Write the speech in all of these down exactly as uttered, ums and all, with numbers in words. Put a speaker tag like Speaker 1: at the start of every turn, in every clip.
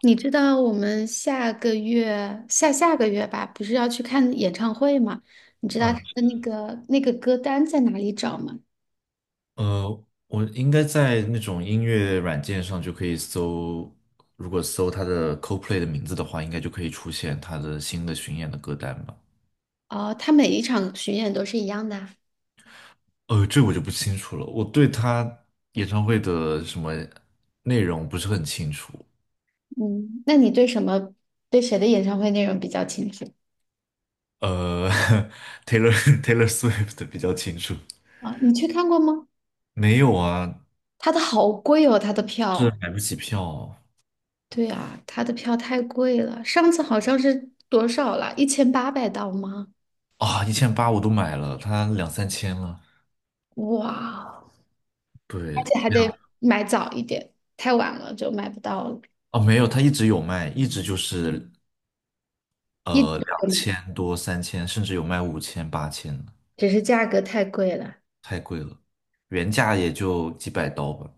Speaker 1: 你知道我们下个月、下下个月吧，不是要去看演唱会吗？你知道他
Speaker 2: 啊，
Speaker 1: 的那个那个歌单在哪里找吗？
Speaker 2: 呃，我应该在那种音乐软件上就可以搜，如果搜他的 c o l p l a y 的名字的话，应该就可以出现他的新的巡演的歌单吧。
Speaker 1: 哦，他每一场巡演都是一样的啊。
Speaker 2: 呃，这我就不清楚了，我对他演唱会的什么内容不是很清楚。
Speaker 1: 嗯，那你对什么对谁的演唱会内容比较清楚？
Speaker 2: 呃 ，Taylor Taylor Swift 比较清楚。
Speaker 1: 啊？你去看过吗？
Speaker 2: 没有啊，
Speaker 1: 他的好贵哦，他的
Speaker 2: 这
Speaker 1: 票。
Speaker 2: 买不起票
Speaker 1: 对啊，他的票太贵了，上次好像是多少了？一千八百刀吗？
Speaker 2: 啊，一千八我都买了，他两三千了。
Speaker 1: 哇，而
Speaker 2: 对，
Speaker 1: 且还
Speaker 2: 两
Speaker 1: 得买早一点，太晚了就买不到了。
Speaker 2: 哦，没有，他一直有卖，一直就是
Speaker 1: 一
Speaker 2: 呃，
Speaker 1: 直
Speaker 2: 两
Speaker 1: 都有，
Speaker 2: 千多、三千，甚至有卖五千、八千的，
Speaker 1: 只是价格太贵了。
Speaker 2: 太贵了，原价也就几百刀吧。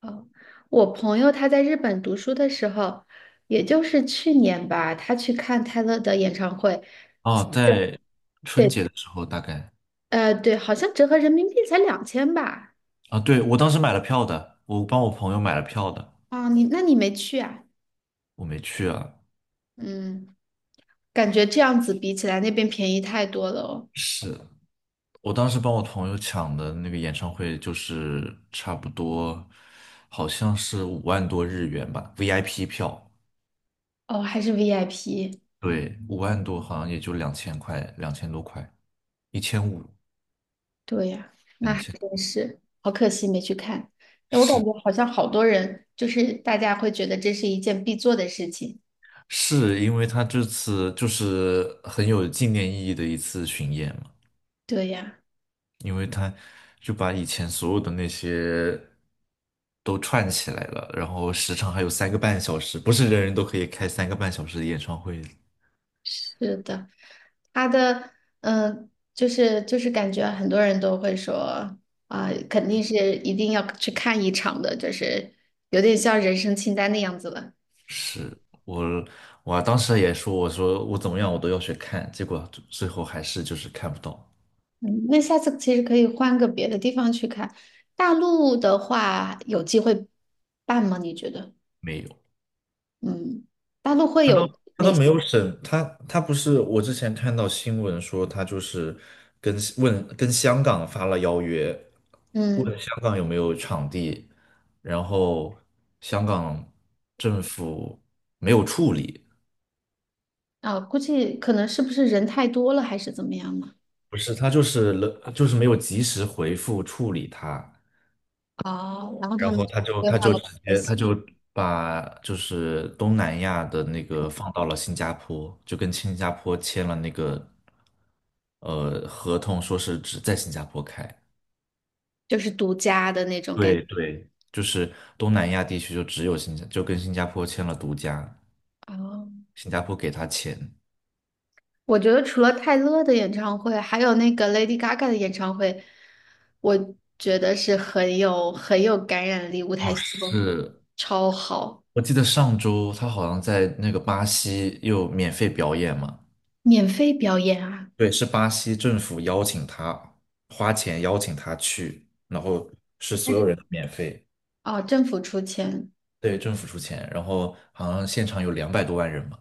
Speaker 1: 哦，我朋友他在日本读书的时候，也就是去年吧，他去看泰勒的演唱会。
Speaker 2: 哦，在春
Speaker 1: 对，
Speaker 2: 节的时候大概。
Speaker 1: 呃，对，好像折合人民币才两千吧。
Speaker 2: 啊，对，我当时买了票的，我帮我朋友买了票的，
Speaker 1: 啊，你那你没去啊？
Speaker 2: 我没去啊。
Speaker 1: 嗯，感觉这样子比起来那边便宜太多了哦。
Speaker 2: 是我当时帮我朋友抢的那个演唱会，就是差不多好像是五万多日元吧，V I P 票，
Speaker 1: 哦，还是 V I P。
Speaker 2: 对，五万多好像也就两千块，两千多块，一千五，
Speaker 1: 对呀，那
Speaker 2: 两
Speaker 1: 还
Speaker 2: 千。
Speaker 1: 真是，好可惜没去看。哎，我感
Speaker 2: 是。
Speaker 1: 觉好像好多人，就是大家会觉得这是一件必做的事情。
Speaker 2: 是因为他这次就是很有纪念意义的一次巡演嘛，
Speaker 1: 对呀。
Speaker 2: 因为他就把以前所有的那些都串起来了，然后时长还有三个半小时，不是人人都可以开三个半小时的演唱会。
Speaker 1: 是的，他的嗯、呃就是就是感觉很多人都会说啊、肯定是一定要去看一场的，就是有点像人生清单的样子了。
Speaker 2: 是我，我当时也说，我说我怎么样我都要去看，结果最后还是就是看不到，
Speaker 1: 嗯，那下次其实可以换个别的地方去看。大陆的话，有机会办吗？你觉得？
Speaker 2: 没有。
Speaker 1: 嗯，大陆会
Speaker 2: 他都
Speaker 1: 有
Speaker 2: 他都
Speaker 1: 哪些？
Speaker 2: 没有审，他他不是我之前看到新闻说他就是跟问跟香港发了邀约，
Speaker 1: 嗯，
Speaker 2: 问香港有没有场地，然后香港政府没有处理，
Speaker 1: 啊、估计可能是不是人太多了，还是怎么样呢？
Speaker 2: 不是他就是了就是没有及时回复处理他，
Speaker 1: 哦，然后他
Speaker 2: 然后
Speaker 1: 们就
Speaker 2: 他就
Speaker 1: 规
Speaker 2: 他
Speaker 1: 划
Speaker 2: 就
Speaker 1: 了我
Speaker 2: 直
Speaker 1: 们的
Speaker 2: 接
Speaker 1: 行
Speaker 2: 他
Speaker 1: 程。
Speaker 2: 就把就是东南亚的那个放到了新加坡，就跟新加坡签了那个呃合同，说是只在新加坡开。
Speaker 1: 就是独家的那种感
Speaker 2: 对
Speaker 1: 觉。
Speaker 2: 对，就是东南亚地区就只有新加，就跟新加坡签了独家，
Speaker 1: 哦。
Speaker 2: 新加坡给他钱。
Speaker 1: 我觉得除了泰勒的演唱会，还有那个 Lady Gaga 的演唱会，我觉得是很有很有感染力，舞台效果
Speaker 2: 是
Speaker 1: 超好。
Speaker 2: 我记得上周他好像在那个巴西又免费表演嘛，
Speaker 1: 免费表演啊！
Speaker 2: 对，是巴西政府邀请他，花钱邀请他去，然后是所有人都免费，
Speaker 1: 哦，政府出钱。
Speaker 2: 对，政府出钱，然后好像现场有两百多万人嘛，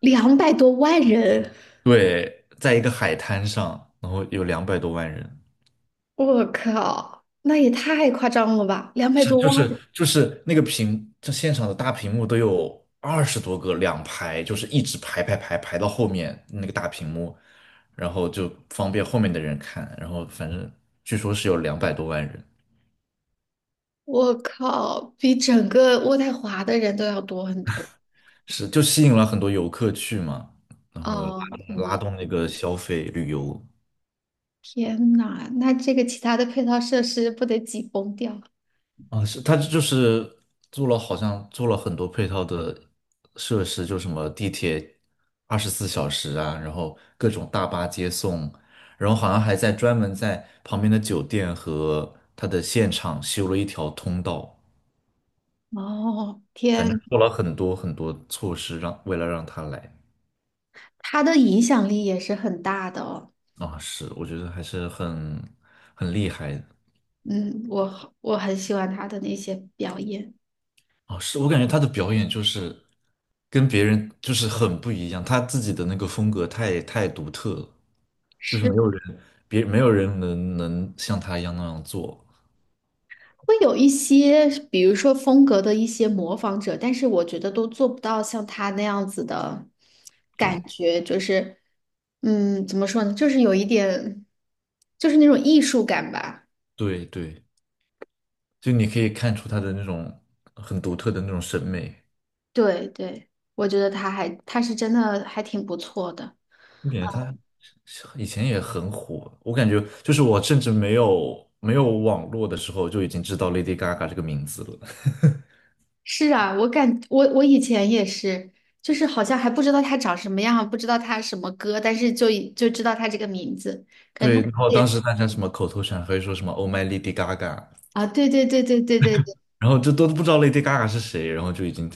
Speaker 1: 两百多万人，
Speaker 2: 对，在一个海滩上，然后有两百多万人，
Speaker 1: 我靠，那也太夸张了吧！两百
Speaker 2: 是
Speaker 1: 多
Speaker 2: 就
Speaker 1: 万
Speaker 2: 是
Speaker 1: 人。
Speaker 2: 就是那个屏，这现场的大屏幕都有二十多个，两排，就是一直排排排排到后面那个大屏幕，然后就方便后面的人看，然后反正据说是有两百多万人。
Speaker 1: 我靠，比整个渥太华的人都要多很多。
Speaker 2: 是就吸引了很多游客去嘛，然后拉
Speaker 1: 哦，我
Speaker 2: 拉
Speaker 1: 的
Speaker 2: 动那个消费旅游
Speaker 1: 天呐，那这个其他的配套设施不得挤崩掉？
Speaker 2: 啊，是他就是做了好像做了很多配套的设施，就什么地铁二十四小时啊，然后各种大巴接送，然后好像还在专门在旁边的酒店和他的现场修了一条通道，
Speaker 1: 哦，
Speaker 2: 反正
Speaker 1: 天。
Speaker 2: 做了很多很多措施让为了让他来
Speaker 1: 他的影响力也是很大的哦。
Speaker 2: 啊，是我觉得还是很很厉害的。
Speaker 1: 嗯，我好我很喜欢他的那些表演。
Speaker 2: 哦，是我感觉他的表演就是跟别人就是很不一样，他自己的那个风格太太独特了，就是没有人别没有人能能像他一样那样做。
Speaker 1: 会有一些，比如说风格的一些模仿者，但是我觉得都做不到像他那样子的感
Speaker 2: 对，
Speaker 1: 觉，就是，嗯，怎么说呢，就是有一点，就是那种艺术感吧。
Speaker 2: 对对，就你可以看出他的那种很独特的那种审美。
Speaker 1: 对对，我觉得他还他是真的还挺不错的。
Speaker 2: 我感觉他以前也很火，我感觉就是我甚至没有没有网络的时候就已经知道 Lady Gaga 这个名字了。
Speaker 1: 是啊，我感我我以前也是，就是好像还不知道他长什么样，不知道他什么歌，但是就已就知道他这个名字，可能
Speaker 2: 对，
Speaker 1: 他
Speaker 2: 然后
Speaker 1: 也
Speaker 2: 当
Speaker 1: 是。
Speaker 2: 时大家什么口头禅可以说什么 "Oh my Lady Gaga"，
Speaker 1: 啊，对对对对对对对。
Speaker 2: 然后这都不知道 Lady Gaga 是谁，然后就已经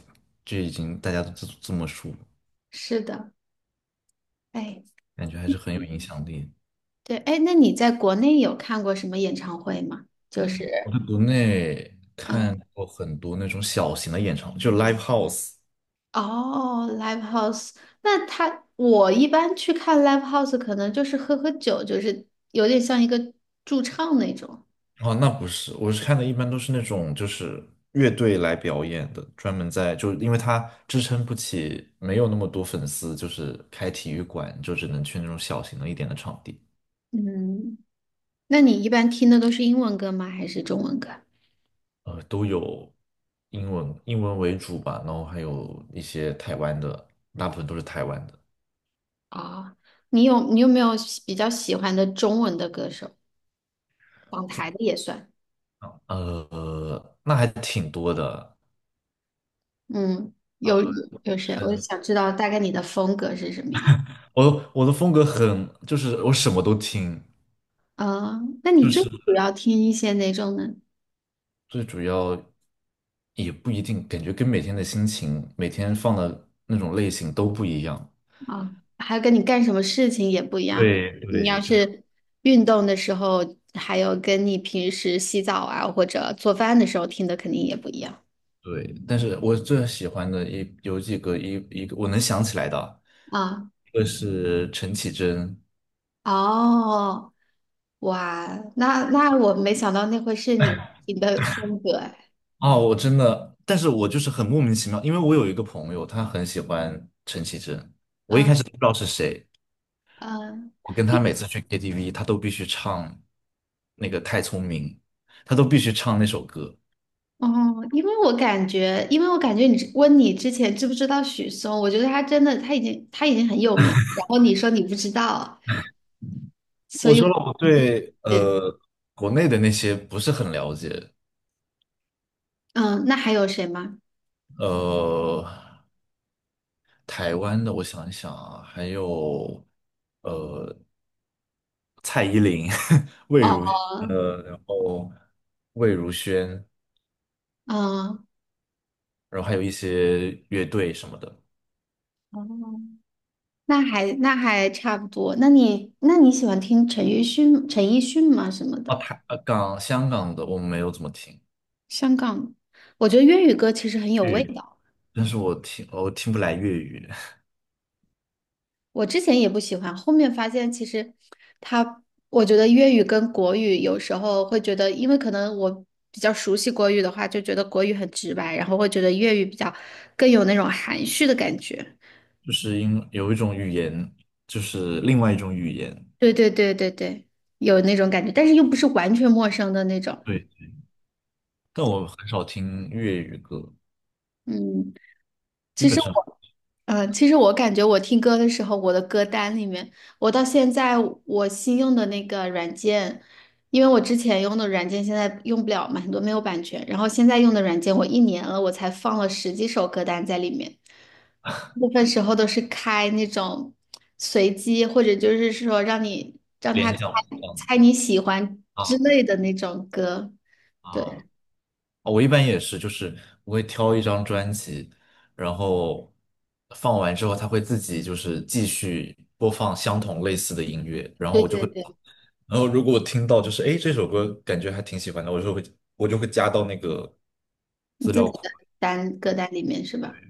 Speaker 2: 就已经大家都这这么说，
Speaker 1: 是的，哎，
Speaker 2: 感觉还是很有影响力。
Speaker 1: 对，哎，那你在国内有看过什么演唱会吗？就
Speaker 2: 我
Speaker 1: 是，
Speaker 2: 在国内
Speaker 1: 嗯，
Speaker 2: 看过很多那种小型的演唱会，就 live house。
Speaker 1: 哦，live house。那他我一般去看 live house，可能就是喝喝酒，就是有点像一个驻唱那种。
Speaker 2: 哦，那不是，我是看的一般都是那种就是乐队来表演的，专门在就因为他支撑不起，没有那么多粉丝，就是开体育馆就只能去那种小型的一点的场地。
Speaker 1: 嗯，那你一般听的都是英文歌吗？还是中文歌？
Speaker 2: 呃，都有英文英文为主吧，然后还有一些台湾的，大部分都是台湾的。
Speaker 1: 啊，你有你有没有喜比较喜欢的中文的歌手？港台的也算。
Speaker 2: 呃，那还挺多的。
Speaker 1: 嗯，有有谁？
Speaker 2: 是
Speaker 1: 我
Speaker 2: 的，
Speaker 1: 想知道大概你的风格是什么样儿。
Speaker 2: 我的我的风格很，就是我什么都听，
Speaker 1: 啊，那你
Speaker 2: 就
Speaker 1: 最
Speaker 2: 是
Speaker 1: 主要听一些哪种呢？
Speaker 2: 最主要也不一定，感觉跟每天的心情、每天放的那种类型都不一样。
Speaker 1: 啊，还有跟你干什么事情也不一样。
Speaker 2: 对
Speaker 1: 你
Speaker 2: 对，
Speaker 1: 要
Speaker 2: 就是
Speaker 1: 是运动的时候，还有跟你平时洗澡啊或者做饭的时候听的肯定也不一样
Speaker 2: 对。但是我最喜欢的一有几个一一个我能想起来的，
Speaker 1: 啊。
Speaker 2: 一个是陈绮贞。
Speaker 1: 哦，哇，那那我没想到那会是你你的风格哎。
Speaker 2: 哦，我真的，但是我就是很莫名其妙，因为我有一个朋友，他很喜欢陈绮贞，我一
Speaker 1: 啊
Speaker 2: 开始都不知道是谁，
Speaker 1: 嗯，
Speaker 2: 我跟他
Speaker 1: 因
Speaker 2: 每次去 K T V，他都必须唱那个《太聪明》，他都必须唱那首歌。
Speaker 1: 哦，因为我感觉，因为我感觉你问你之前知不知道许嵩，我觉得他真的他已经他已经很有名，然后你说你不知道，所
Speaker 2: 我
Speaker 1: 以我。
Speaker 2: 说了，我对呃国内的那些不是很了解。
Speaker 1: 嗯，那还有谁吗？
Speaker 2: 呃，台湾的我想一想啊，还有呃蔡依林、魏
Speaker 1: 哦，
Speaker 2: 如呃，然后魏如萱，
Speaker 1: 嗯，
Speaker 2: 然后还有一些乐队什么的。
Speaker 1: 哦，那还那还差不多。那你那你喜欢听陈奕迅陈奕迅吗？什么
Speaker 2: 啊，
Speaker 1: 的。
Speaker 2: 台呃港香港的我没有怎么听
Speaker 1: 香港，我觉得粤语歌其实很有
Speaker 2: 粤
Speaker 1: 味
Speaker 2: 语，
Speaker 1: 道。
Speaker 2: 但是我听哦我听不来粤语。
Speaker 1: 我之前也不喜欢，后面发现其实他，我觉得粤语跟国语有时候会觉得，因为可能我比较熟悉国语的话，就觉得国语很直白，然后会觉得粤语比较更有那种含蓄的感觉。
Speaker 2: 就是因有一种语言，就是另外一种语言。
Speaker 1: 对对对对对，有那种感觉，但是又不是完全陌生的那种。
Speaker 2: 对，但
Speaker 1: 对，
Speaker 2: 我很少听粤语歌，
Speaker 1: 嗯。
Speaker 2: 基
Speaker 1: 其
Speaker 2: 本
Speaker 1: 实
Speaker 2: 上
Speaker 1: 我，嗯、其实我感觉我听歌的时候，我的歌单里面，我到现在我新用的那个软件，因为我之前用的软件现在用不了嘛，很多没有版权，然后现在用的软件，我一年了，我才放了十几首歌单在里面，部分时候都是开那种随机，或者就是说让你让他
Speaker 2: 联
Speaker 1: 猜
Speaker 2: 想不上。
Speaker 1: 猜你喜欢
Speaker 2: 啊！
Speaker 1: 之类的那种歌。
Speaker 2: 啊啊
Speaker 1: 对，
Speaker 2: 我一般也是，就是我会挑一张专辑，然后放完之后，它会自己就是继续播放相同类似的音乐，然后
Speaker 1: 对
Speaker 2: 我就
Speaker 1: 对
Speaker 2: 会，
Speaker 1: 对，
Speaker 2: 然后如果我听到就是哎这首歌感觉还挺喜欢的，我就会我就会加到那个。
Speaker 1: 你
Speaker 2: 资
Speaker 1: 自己
Speaker 2: 料库。
Speaker 1: 的单歌单里面是吧？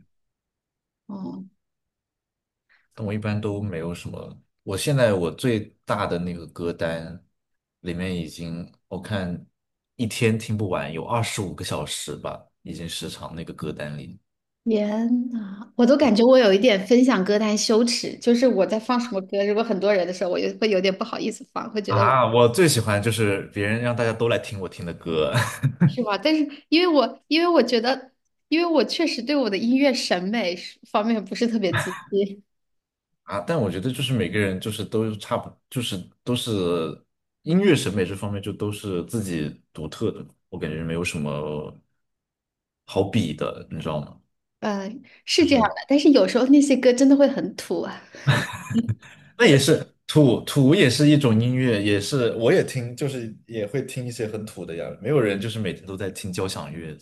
Speaker 1: 哦。
Speaker 2: 但我一般都没有什么。我现在我最大的那个歌单里面已经，我看一天听不完，有二十五个小时吧，已经时长那个歌单里。
Speaker 1: 天呐，我都感觉我有一点分享歌单羞耻，就是我在放什么歌，如果很多人的时候，我也会有点不好意思放，会觉得我。
Speaker 2: 啊，我最喜欢就是别人让大家都来听我听的歌
Speaker 1: 是吧？但是因为我因为我觉得，因为我确实对我的音乐审美是方面不是特别自信。
Speaker 2: 啊，但我觉得就是每个人就是都差不，就是都是音乐审美这方面就都是自己独特的，我感觉没有什么好比的，你知道吗？
Speaker 1: 嗯，是
Speaker 2: 就
Speaker 1: 这样
Speaker 2: 是。
Speaker 1: 的。但是有时候那些歌真的会很土啊。
Speaker 2: 那也是土土也是一种音乐，也是我也听，就是也会听一些很土的呀。没有人就是每天都在听交响乐，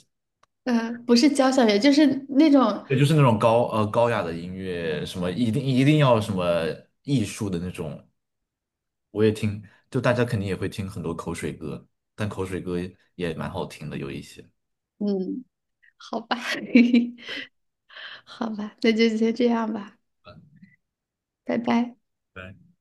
Speaker 1: 呃，不是交响乐，就是那种，
Speaker 2: 对，就是那种高呃高雅的音乐，什么一定一定要什么艺术的那种，我也听。就大家肯定也会听很多口水歌，但口水歌也蛮好听的，有一些。
Speaker 1: 嗯，好吧，好吧，那就先这样吧，拜拜。
Speaker 2: 对